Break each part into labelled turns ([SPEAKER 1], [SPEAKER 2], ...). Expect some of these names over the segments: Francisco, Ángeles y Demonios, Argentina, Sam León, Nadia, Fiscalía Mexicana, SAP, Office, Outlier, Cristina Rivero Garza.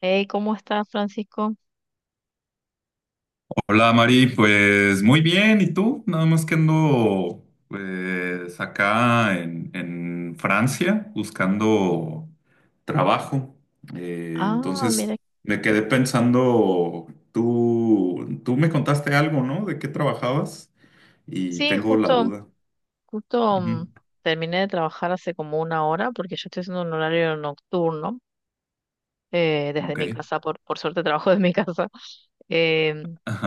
[SPEAKER 1] Hey, ¿cómo estás, Francisco?
[SPEAKER 2] Hola Mari, pues muy bien, ¿y tú? Nada más que ando pues acá en Francia buscando trabajo.
[SPEAKER 1] Ah, mira.
[SPEAKER 2] Entonces me quedé pensando, tú me contaste algo, ¿no? ¿De qué trabajabas? Y
[SPEAKER 1] Sí,
[SPEAKER 2] tengo la
[SPEAKER 1] justo,
[SPEAKER 2] duda.
[SPEAKER 1] justo mm,
[SPEAKER 2] Ujú.
[SPEAKER 1] terminé de trabajar hace como una hora porque yo estoy haciendo un horario nocturno. Desde
[SPEAKER 2] Ok.
[SPEAKER 1] mi casa, por suerte trabajo desde mi casa. Eh,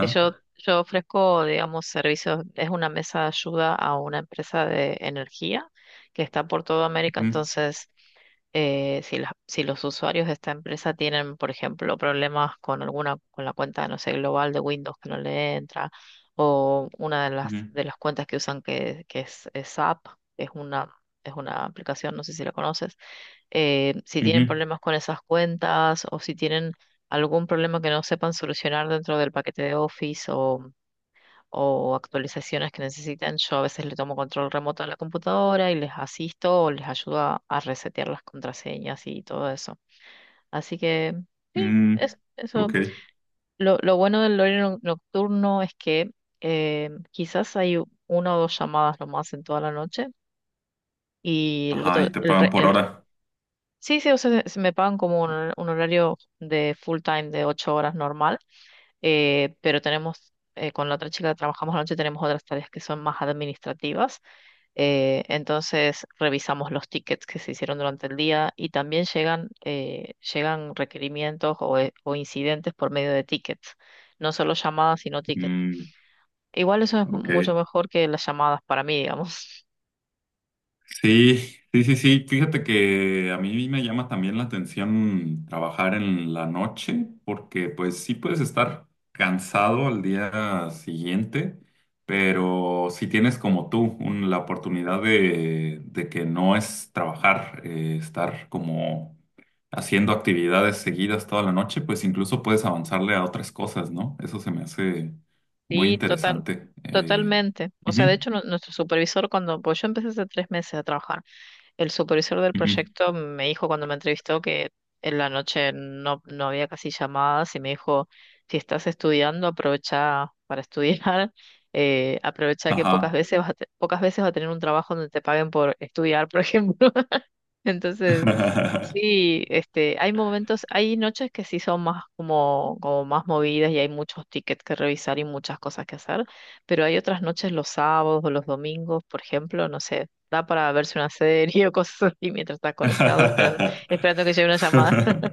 [SPEAKER 1] que yo, yo ofrezco, digamos, servicios. Es una mesa de ayuda a una empresa de energía que está por toda América.
[SPEAKER 2] Ujú.
[SPEAKER 1] Entonces, si los usuarios de esta empresa tienen, por ejemplo, problemas con alguna, con la cuenta, no sé, global de Windows que no le entra, o una de
[SPEAKER 2] Ujú.
[SPEAKER 1] las, de las cuentas que usan que es SAP, que es una aplicación, no sé si la conoces. Si tienen
[SPEAKER 2] Ujú.
[SPEAKER 1] problemas con esas cuentas o si tienen algún problema que no sepan solucionar dentro del paquete de Office o actualizaciones que necesitan, yo a veces le tomo control remoto a la computadora y les asisto o les ayudo a resetear las contraseñas y todo eso. Así que sí,
[SPEAKER 2] mm,
[SPEAKER 1] eso.
[SPEAKER 2] ok.
[SPEAKER 1] Lo bueno del horario nocturno es que quizás hay una o dos llamadas nomás en toda la noche. Y el,
[SPEAKER 2] Ajá,
[SPEAKER 1] otro-
[SPEAKER 2] y te
[SPEAKER 1] el
[SPEAKER 2] pagan
[SPEAKER 1] re-
[SPEAKER 2] por
[SPEAKER 1] el
[SPEAKER 2] hora.
[SPEAKER 1] Sí, sí, o sea, se me pagan como un horario de full time de 8 horas normal. Pero tenemos, con la otra chica que trabajamos a la noche, tenemos otras tareas que son más administrativas. Entonces revisamos los tickets que se hicieron durante el día y también llegan, llegan requerimientos o incidentes por medio de tickets, no solo llamadas, sino tickets.
[SPEAKER 2] Mm,
[SPEAKER 1] Igual eso es
[SPEAKER 2] ok.
[SPEAKER 1] mucho mejor que las llamadas para mí, digamos.
[SPEAKER 2] Sí, sí, sí, sí. Fíjate que a mí me llama también la atención trabajar en la noche, porque pues sí puedes estar cansado al día siguiente, pero si tienes como tú un- la oportunidad de que no es trabajar, estar como haciendo actividades seguidas toda la noche, pues incluso puedes avanzarle a otras cosas, ¿no? Eso se me hace muy
[SPEAKER 1] Sí, total,
[SPEAKER 2] interesante.
[SPEAKER 1] totalmente. O sea, de
[SPEAKER 2] Ujú.
[SPEAKER 1] hecho, nuestro supervisor, cuando, pues yo empecé hace 3 meses a trabajar, el supervisor del
[SPEAKER 2] Ujú.
[SPEAKER 1] proyecto me dijo cuando me entrevistó que en la noche no había casi llamadas y me dijo, si estás estudiando, aprovecha para estudiar, aprovecha que pocas
[SPEAKER 2] Ajá.
[SPEAKER 1] veces pocas veces vas a tener un trabajo donde te paguen por estudiar, por ejemplo. Entonces, sí, este, hay momentos, hay noches que sí son más como más movidas y hay muchos tickets que revisar y muchas cosas que hacer, pero hay otras noches, los sábados o los domingos, por ejemplo, no sé, da para verse una serie o cosas así mientras estás conectado, esperando, esperando que llegue una llamada.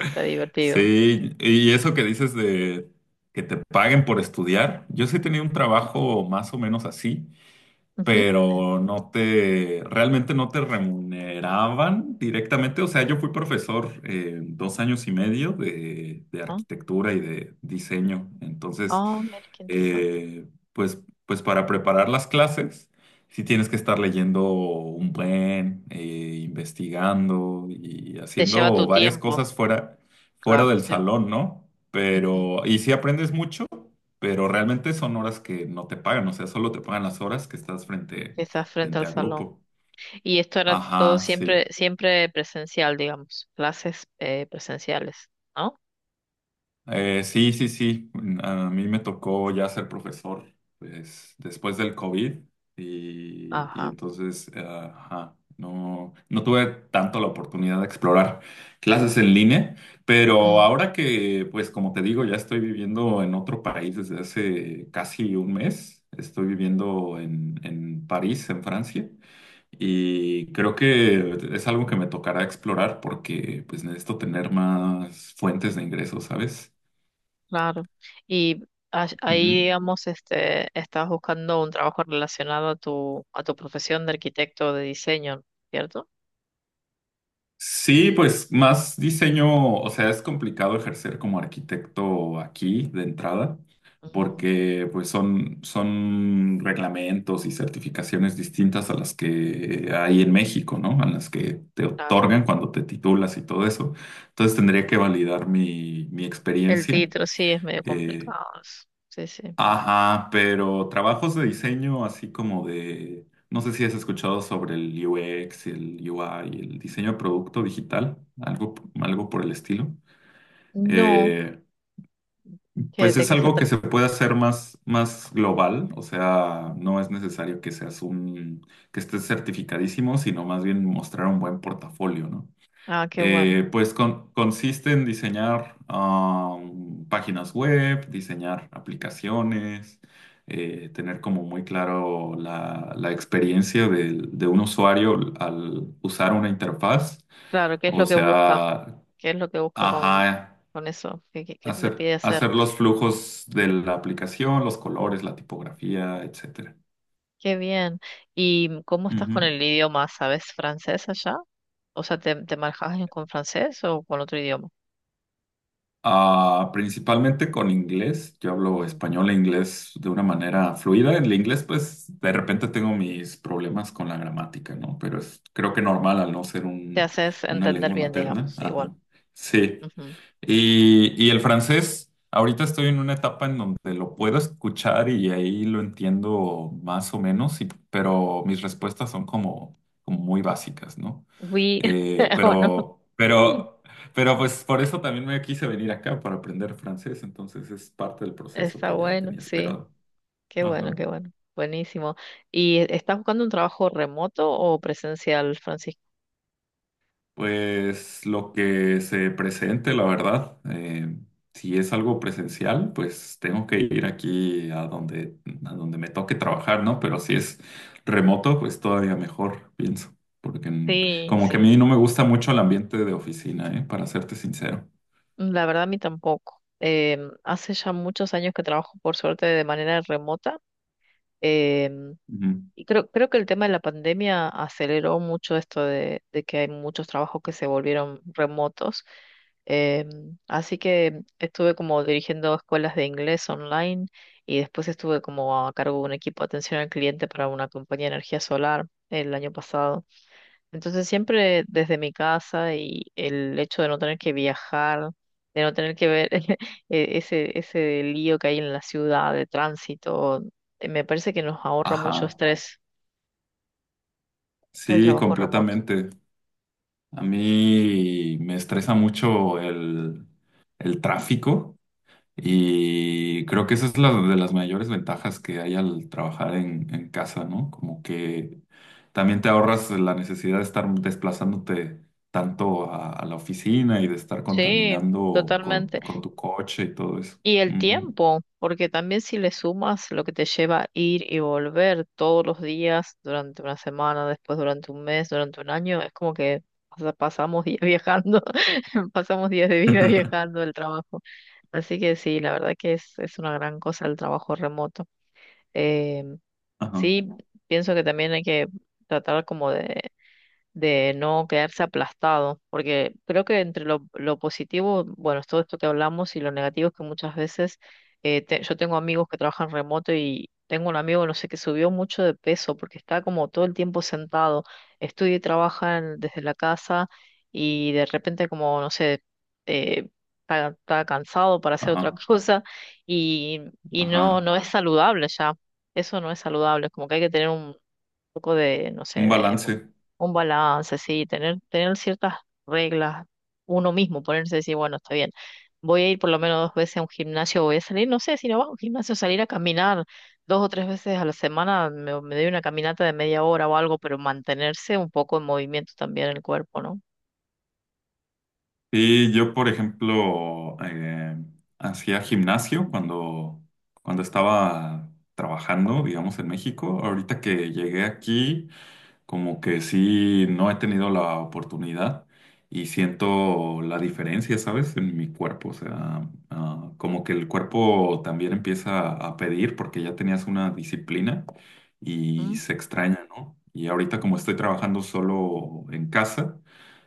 [SPEAKER 1] Está divertido.
[SPEAKER 2] Sí, y eso que dices de que te paguen por estudiar, yo sí he tenido un trabajo más o menos así,
[SPEAKER 1] Ujú, eh,
[SPEAKER 2] pero no te, realmente no te remuneraban directamente. O sea, yo fui profesor dos años y medio de
[SPEAKER 1] ¿no?
[SPEAKER 2] arquitectura y de diseño. Entonces,
[SPEAKER 1] Ah, oh, mira, qué interesante.
[SPEAKER 2] eh, pues, pues para preparar las clases, sí tienes que estar leyendo un buen, investigando y
[SPEAKER 1] Te lleva
[SPEAKER 2] haciendo
[SPEAKER 1] tu
[SPEAKER 2] varias
[SPEAKER 1] tiempo,
[SPEAKER 2] cosas fuera, fuera
[SPEAKER 1] claro.
[SPEAKER 2] del salón, ¿no?
[SPEAKER 1] Ujú,
[SPEAKER 2] Pero, y sí aprendes mucho, pero realmente son horas que no te pagan, o sea, solo te pagan las horas que estás frente,
[SPEAKER 1] que estás frente
[SPEAKER 2] frente
[SPEAKER 1] al
[SPEAKER 2] a
[SPEAKER 1] salón.
[SPEAKER 2] grupo.
[SPEAKER 1] Y esto era todo
[SPEAKER 2] Ajá, sí.
[SPEAKER 1] siempre, siempre presencial, digamos, clases presenciales, ¿no?
[SPEAKER 2] Sí, sí, sí. A mí me tocó ya ser profesor, pues, después del COVID y
[SPEAKER 1] Ajá,
[SPEAKER 2] entonces, ajá, no, no tuve tanto la oportunidad de explorar clases en línea, pero
[SPEAKER 1] mm,
[SPEAKER 2] ahora que, pues, como te digo, ya estoy viviendo en otro país desde hace casi un mes. Estoy viviendo en París, en Francia. Y creo que es algo que me tocará explorar porque pues necesito tener más fuentes de ingresos, ¿sabes?
[SPEAKER 1] claro. Y ahí,
[SPEAKER 2] Ujú.
[SPEAKER 1] digamos, este, estás buscando un trabajo relacionado a tu, profesión de arquitecto de diseño, ¿no? ¿Cierto?
[SPEAKER 2] Sí, pues más diseño, o sea, es complicado ejercer como arquitecto aquí de entrada,
[SPEAKER 1] Ujú,
[SPEAKER 2] porque pues son, son reglamentos y certificaciones distintas a las que hay en México, ¿no? A las que te
[SPEAKER 1] claro.
[SPEAKER 2] otorgan cuando te titulas y todo eso. Entonces tendría que validar mi
[SPEAKER 1] El
[SPEAKER 2] experiencia.
[SPEAKER 1] título sí es medio
[SPEAKER 2] eh,
[SPEAKER 1] complicado. Sí, sí.
[SPEAKER 2] Ajá, pero trabajos de diseño así como de, no sé si has escuchado sobre el UX, el UI, el diseño de producto digital, algo, algo por el estilo.
[SPEAKER 1] No,
[SPEAKER 2] Eh, pues
[SPEAKER 1] de
[SPEAKER 2] es
[SPEAKER 1] qué se
[SPEAKER 2] algo que
[SPEAKER 1] trata?
[SPEAKER 2] se puede hacer más, más global, o
[SPEAKER 1] Mm.
[SPEAKER 2] sea, no es necesario que seas un, que estés certificadísimo, sino más bien mostrar un buen portafolio, ¿no?
[SPEAKER 1] Ah, qué bueno.
[SPEAKER 2] Pues consiste en diseñar páginas web, diseñar aplicaciones, tener como muy claro la experiencia del- de, un usuario al usar una interfaz,
[SPEAKER 1] Claro, ¿qué es
[SPEAKER 2] o
[SPEAKER 1] lo que busca?
[SPEAKER 2] sea,
[SPEAKER 1] ¿Qué es lo que busca con,
[SPEAKER 2] ajá,
[SPEAKER 1] con eso? ¿Qué te
[SPEAKER 2] hacer,
[SPEAKER 1] pide hacer?
[SPEAKER 2] hacer los flujos de la aplicación, los colores, la tipografía, etcétera.
[SPEAKER 1] Qué bien. ¿Y cómo estás con
[SPEAKER 2] Ujú.
[SPEAKER 1] el idioma? ¿Sabes francés allá? O sea, ¿te manejas con francés o con otro idioma?
[SPEAKER 2] Ah, principalmente con inglés. Yo hablo
[SPEAKER 1] Mm.
[SPEAKER 2] español e inglés de una manera fluida. En el inglés, pues, de repente tengo mis problemas con la gramática, ¿no? Pero es creo que normal al no ser
[SPEAKER 1] Te
[SPEAKER 2] un,
[SPEAKER 1] haces
[SPEAKER 2] una
[SPEAKER 1] entender
[SPEAKER 2] lengua
[SPEAKER 1] bien,
[SPEAKER 2] materna.
[SPEAKER 1] digamos, igual.
[SPEAKER 2] Ajá. Sí.
[SPEAKER 1] Ujú.
[SPEAKER 2] Y el francés, ahorita estoy en una etapa en donde lo puedo escuchar y ahí lo entiendo más o menos, y- pero mis respuestas son como, como muy básicas, ¿no?
[SPEAKER 1] Oui,
[SPEAKER 2] Eh,
[SPEAKER 1] o no.
[SPEAKER 2] pero,
[SPEAKER 1] Mm.
[SPEAKER 2] pero, pero pues por eso también me quise venir acá para aprender francés, entonces es parte del proceso
[SPEAKER 1] Está
[SPEAKER 2] que ya
[SPEAKER 1] bueno,
[SPEAKER 2] tenía
[SPEAKER 1] sí.
[SPEAKER 2] esperado.
[SPEAKER 1] Qué bueno,
[SPEAKER 2] Ajá.
[SPEAKER 1] qué bueno. Buenísimo. ¿Y estás buscando un trabajo remoto o presencial, Francisco?
[SPEAKER 2] Pues lo que se presente, la verdad, si es algo presencial, pues tengo que ir aquí a donde me toque trabajar, ¿no? Pero si es remoto, pues todavía mejor, pienso, porque
[SPEAKER 1] Sí,
[SPEAKER 2] como que a
[SPEAKER 1] sí.
[SPEAKER 2] mí no me gusta mucho el ambiente de oficina, ¿eh? Para serte sincero.
[SPEAKER 1] La verdad, a mí tampoco. Hace ya muchos años que trabajo, por suerte, de manera remota. Em,
[SPEAKER 2] Ujú.
[SPEAKER 1] Y creo que el tema de la pandemia aceleró mucho esto de que hay muchos trabajos que se volvieron remotos. Así que estuve como dirigiendo escuelas de inglés online y después estuve como a cargo de un equipo de atención al cliente para una compañía de energía solar el año pasado. Entonces siempre desde mi casa y el hecho de no tener que viajar, de no tener que ver ese lío que hay en la ciudad de tránsito, me parece que nos ahorra mucho
[SPEAKER 2] Ajá,
[SPEAKER 1] estrés el
[SPEAKER 2] sí,
[SPEAKER 1] trabajo remoto.
[SPEAKER 2] completamente. A mí me estresa mucho el tráfico y creo que esa es la de las mayores ventajas que hay al trabajar en casa, ¿no? Como que también te ahorras la necesidad de estar desplazándote tanto a la oficina y de estar
[SPEAKER 1] Sí,
[SPEAKER 2] contaminando con,
[SPEAKER 1] totalmente.
[SPEAKER 2] con tu coche y todo eso.
[SPEAKER 1] Y el
[SPEAKER 2] Ujú.
[SPEAKER 1] tiempo, porque también si le sumas lo que te lleva a ir y volver todos los días, durante una semana, después durante un mes, durante un año, es como que pasamos días viajando, pasamos días de vida viajando el trabajo. Así que sí, la verdad que es, una gran cosa el trabajo remoto. Eh,
[SPEAKER 2] Ajá,
[SPEAKER 1] sí, pienso que también hay que tratar como de no quedarse aplastado, porque creo que entre lo positivo, bueno, es todo esto que hablamos y lo negativo es que muchas veces yo tengo amigos que trabajan remoto y tengo un amigo, no sé, que subió mucho de peso porque está como todo el tiempo sentado, estudia y trabaja desde la casa y de repente como, no sé, eh, está cansado para hacer otra
[SPEAKER 2] ajá,
[SPEAKER 1] cosa y, y no,
[SPEAKER 2] ajá.
[SPEAKER 1] no es saludable ya. Eso no es saludable, es como que hay que tener poco de, no sé,
[SPEAKER 2] Un
[SPEAKER 1] de
[SPEAKER 2] balance.
[SPEAKER 1] un balance, sí, tener ciertas reglas, uno mismo, ponerse a decir, bueno, está bien, voy a ir por lo menos dos veces a un gimnasio, voy a salir, no sé, si no va a un gimnasio, salir a caminar dos o tres veces a la semana, me doy una caminata de media hora o algo, pero mantenerse un poco en movimiento también el cuerpo, ¿no?
[SPEAKER 2] Sí, yo, por ejemplo, hacía gimnasio cuando, cuando estaba trabajando, digamos, en México. Ahorita que llegué aquí, como que sí, no he tenido la oportunidad y siento la diferencia, ¿sabes? En mi cuerpo. O sea, ah, como que el cuerpo también empieza a pedir porque ya tenías una disciplina y
[SPEAKER 1] Mm,
[SPEAKER 2] se extraña, ¿no? Y ahorita como estoy trabajando solo en casa,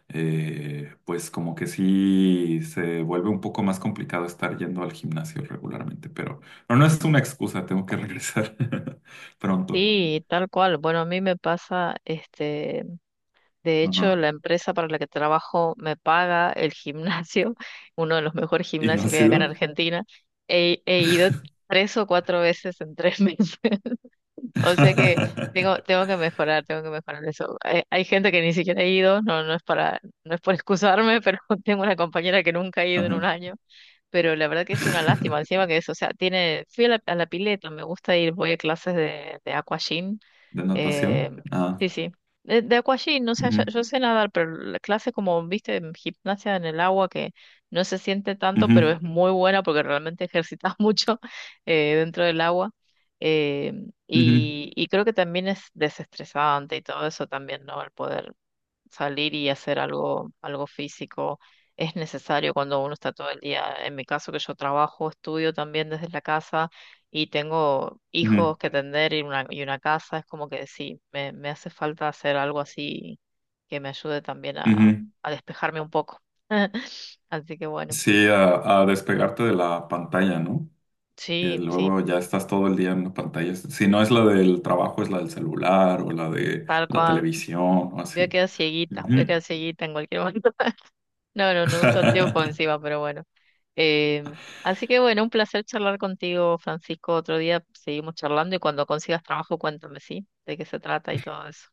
[SPEAKER 2] pues como que sí se vuelve un poco más complicado estar yendo al gimnasio regularmente, pero no, no es una excusa, tengo que regresar pronto.
[SPEAKER 1] sí, tal cual. Bueno, a mí me pasa, este, de hecho,
[SPEAKER 2] Ajá.
[SPEAKER 1] la empresa para la que trabajo me paga el gimnasio, uno de los mejores
[SPEAKER 2] ¿Y no ha
[SPEAKER 1] gimnasios que hay acá en
[SPEAKER 2] sido?
[SPEAKER 1] Argentina. He ido tres o cuatro veces en 3 meses. O sea que tengo que mejorar eso. Hay gente que ni siquiera ha ido, no es para, no es por excusarme, pero tengo una compañera que nunca ha ido en un
[SPEAKER 2] Ajá.
[SPEAKER 1] año. Pero la verdad que es una lástima, encima que es, o sea, tiene, fui a la, pileta, me gusta ir, voy a clases de, aquagym
[SPEAKER 2] ¿De
[SPEAKER 1] eh,
[SPEAKER 2] natación? Ah.
[SPEAKER 1] sí, sí. de aqua gym, no sé, yo,
[SPEAKER 2] Ujú.
[SPEAKER 1] yo sé nadar, pero la clase como, viste, en gimnasia en el agua que no se siente tanto, pero
[SPEAKER 2] Ujú.
[SPEAKER 1] es muy buena porque realmente ejercitas mucho dentro del agua. Eh,
[SPEAKER 2] Ujú.
[SPEAKER 1] y creo que también es desestresante y todo eso también, ¿no? El poder salir y hacer algo físico es necesario cuando uno está todo el día, en mi caso que yo trabajo, estudio también desde la casa y tengo
[SPEAKER 2] Ujú.
[SPEAKER 1] hijos que atender y una casa, es como que sí, me hace falta hacer algo así que me ayude también a,
[SPEAKER 2] Ujú.
[SPEAKER 1] a despejarme un poco. Así que bueno,
[SPEAKER 2] Sí, a despegarte de la pantalla, ¿no? Que
[SPEAKER 1] sí, sí,
[SPEAKER 2] luego ya estás todo el día en la pantalla. Si no es la del trabajo, es la del celular o la de
[SPEAKER 1] tal
[SPEAKER 2] la
[SPEAKER 1] cual.
[SPEAKER 2] televisión o
[SPEAKER 1] Voy a
[SPEAKER 2] así.
[SPEAKER 1] quedar cieguita, voy a
[SPEAKER 2] Ujú.
[SPEAKER 1] quedar cieguita en cualquier momento. No, no, no uso anteojos encima, pero bueno. Em, Así que bueno, un placer charlar contigo, Francisco. Otro día seguimos charlando y cuando consigas trabajo, cuéntame, ¿sí? De qué se trata y todo eso.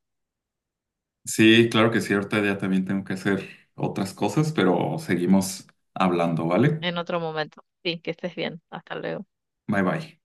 [SPEAKER 2] Sí, claro que sí, ahorita ya también tengo que hacer otras cosas, pero seguimos hablando, ¿vale?
[SPEAKER 1] En otro momento. Sí, que estés bien. Hasta luego.
[SPEAKER 2] Bye bye.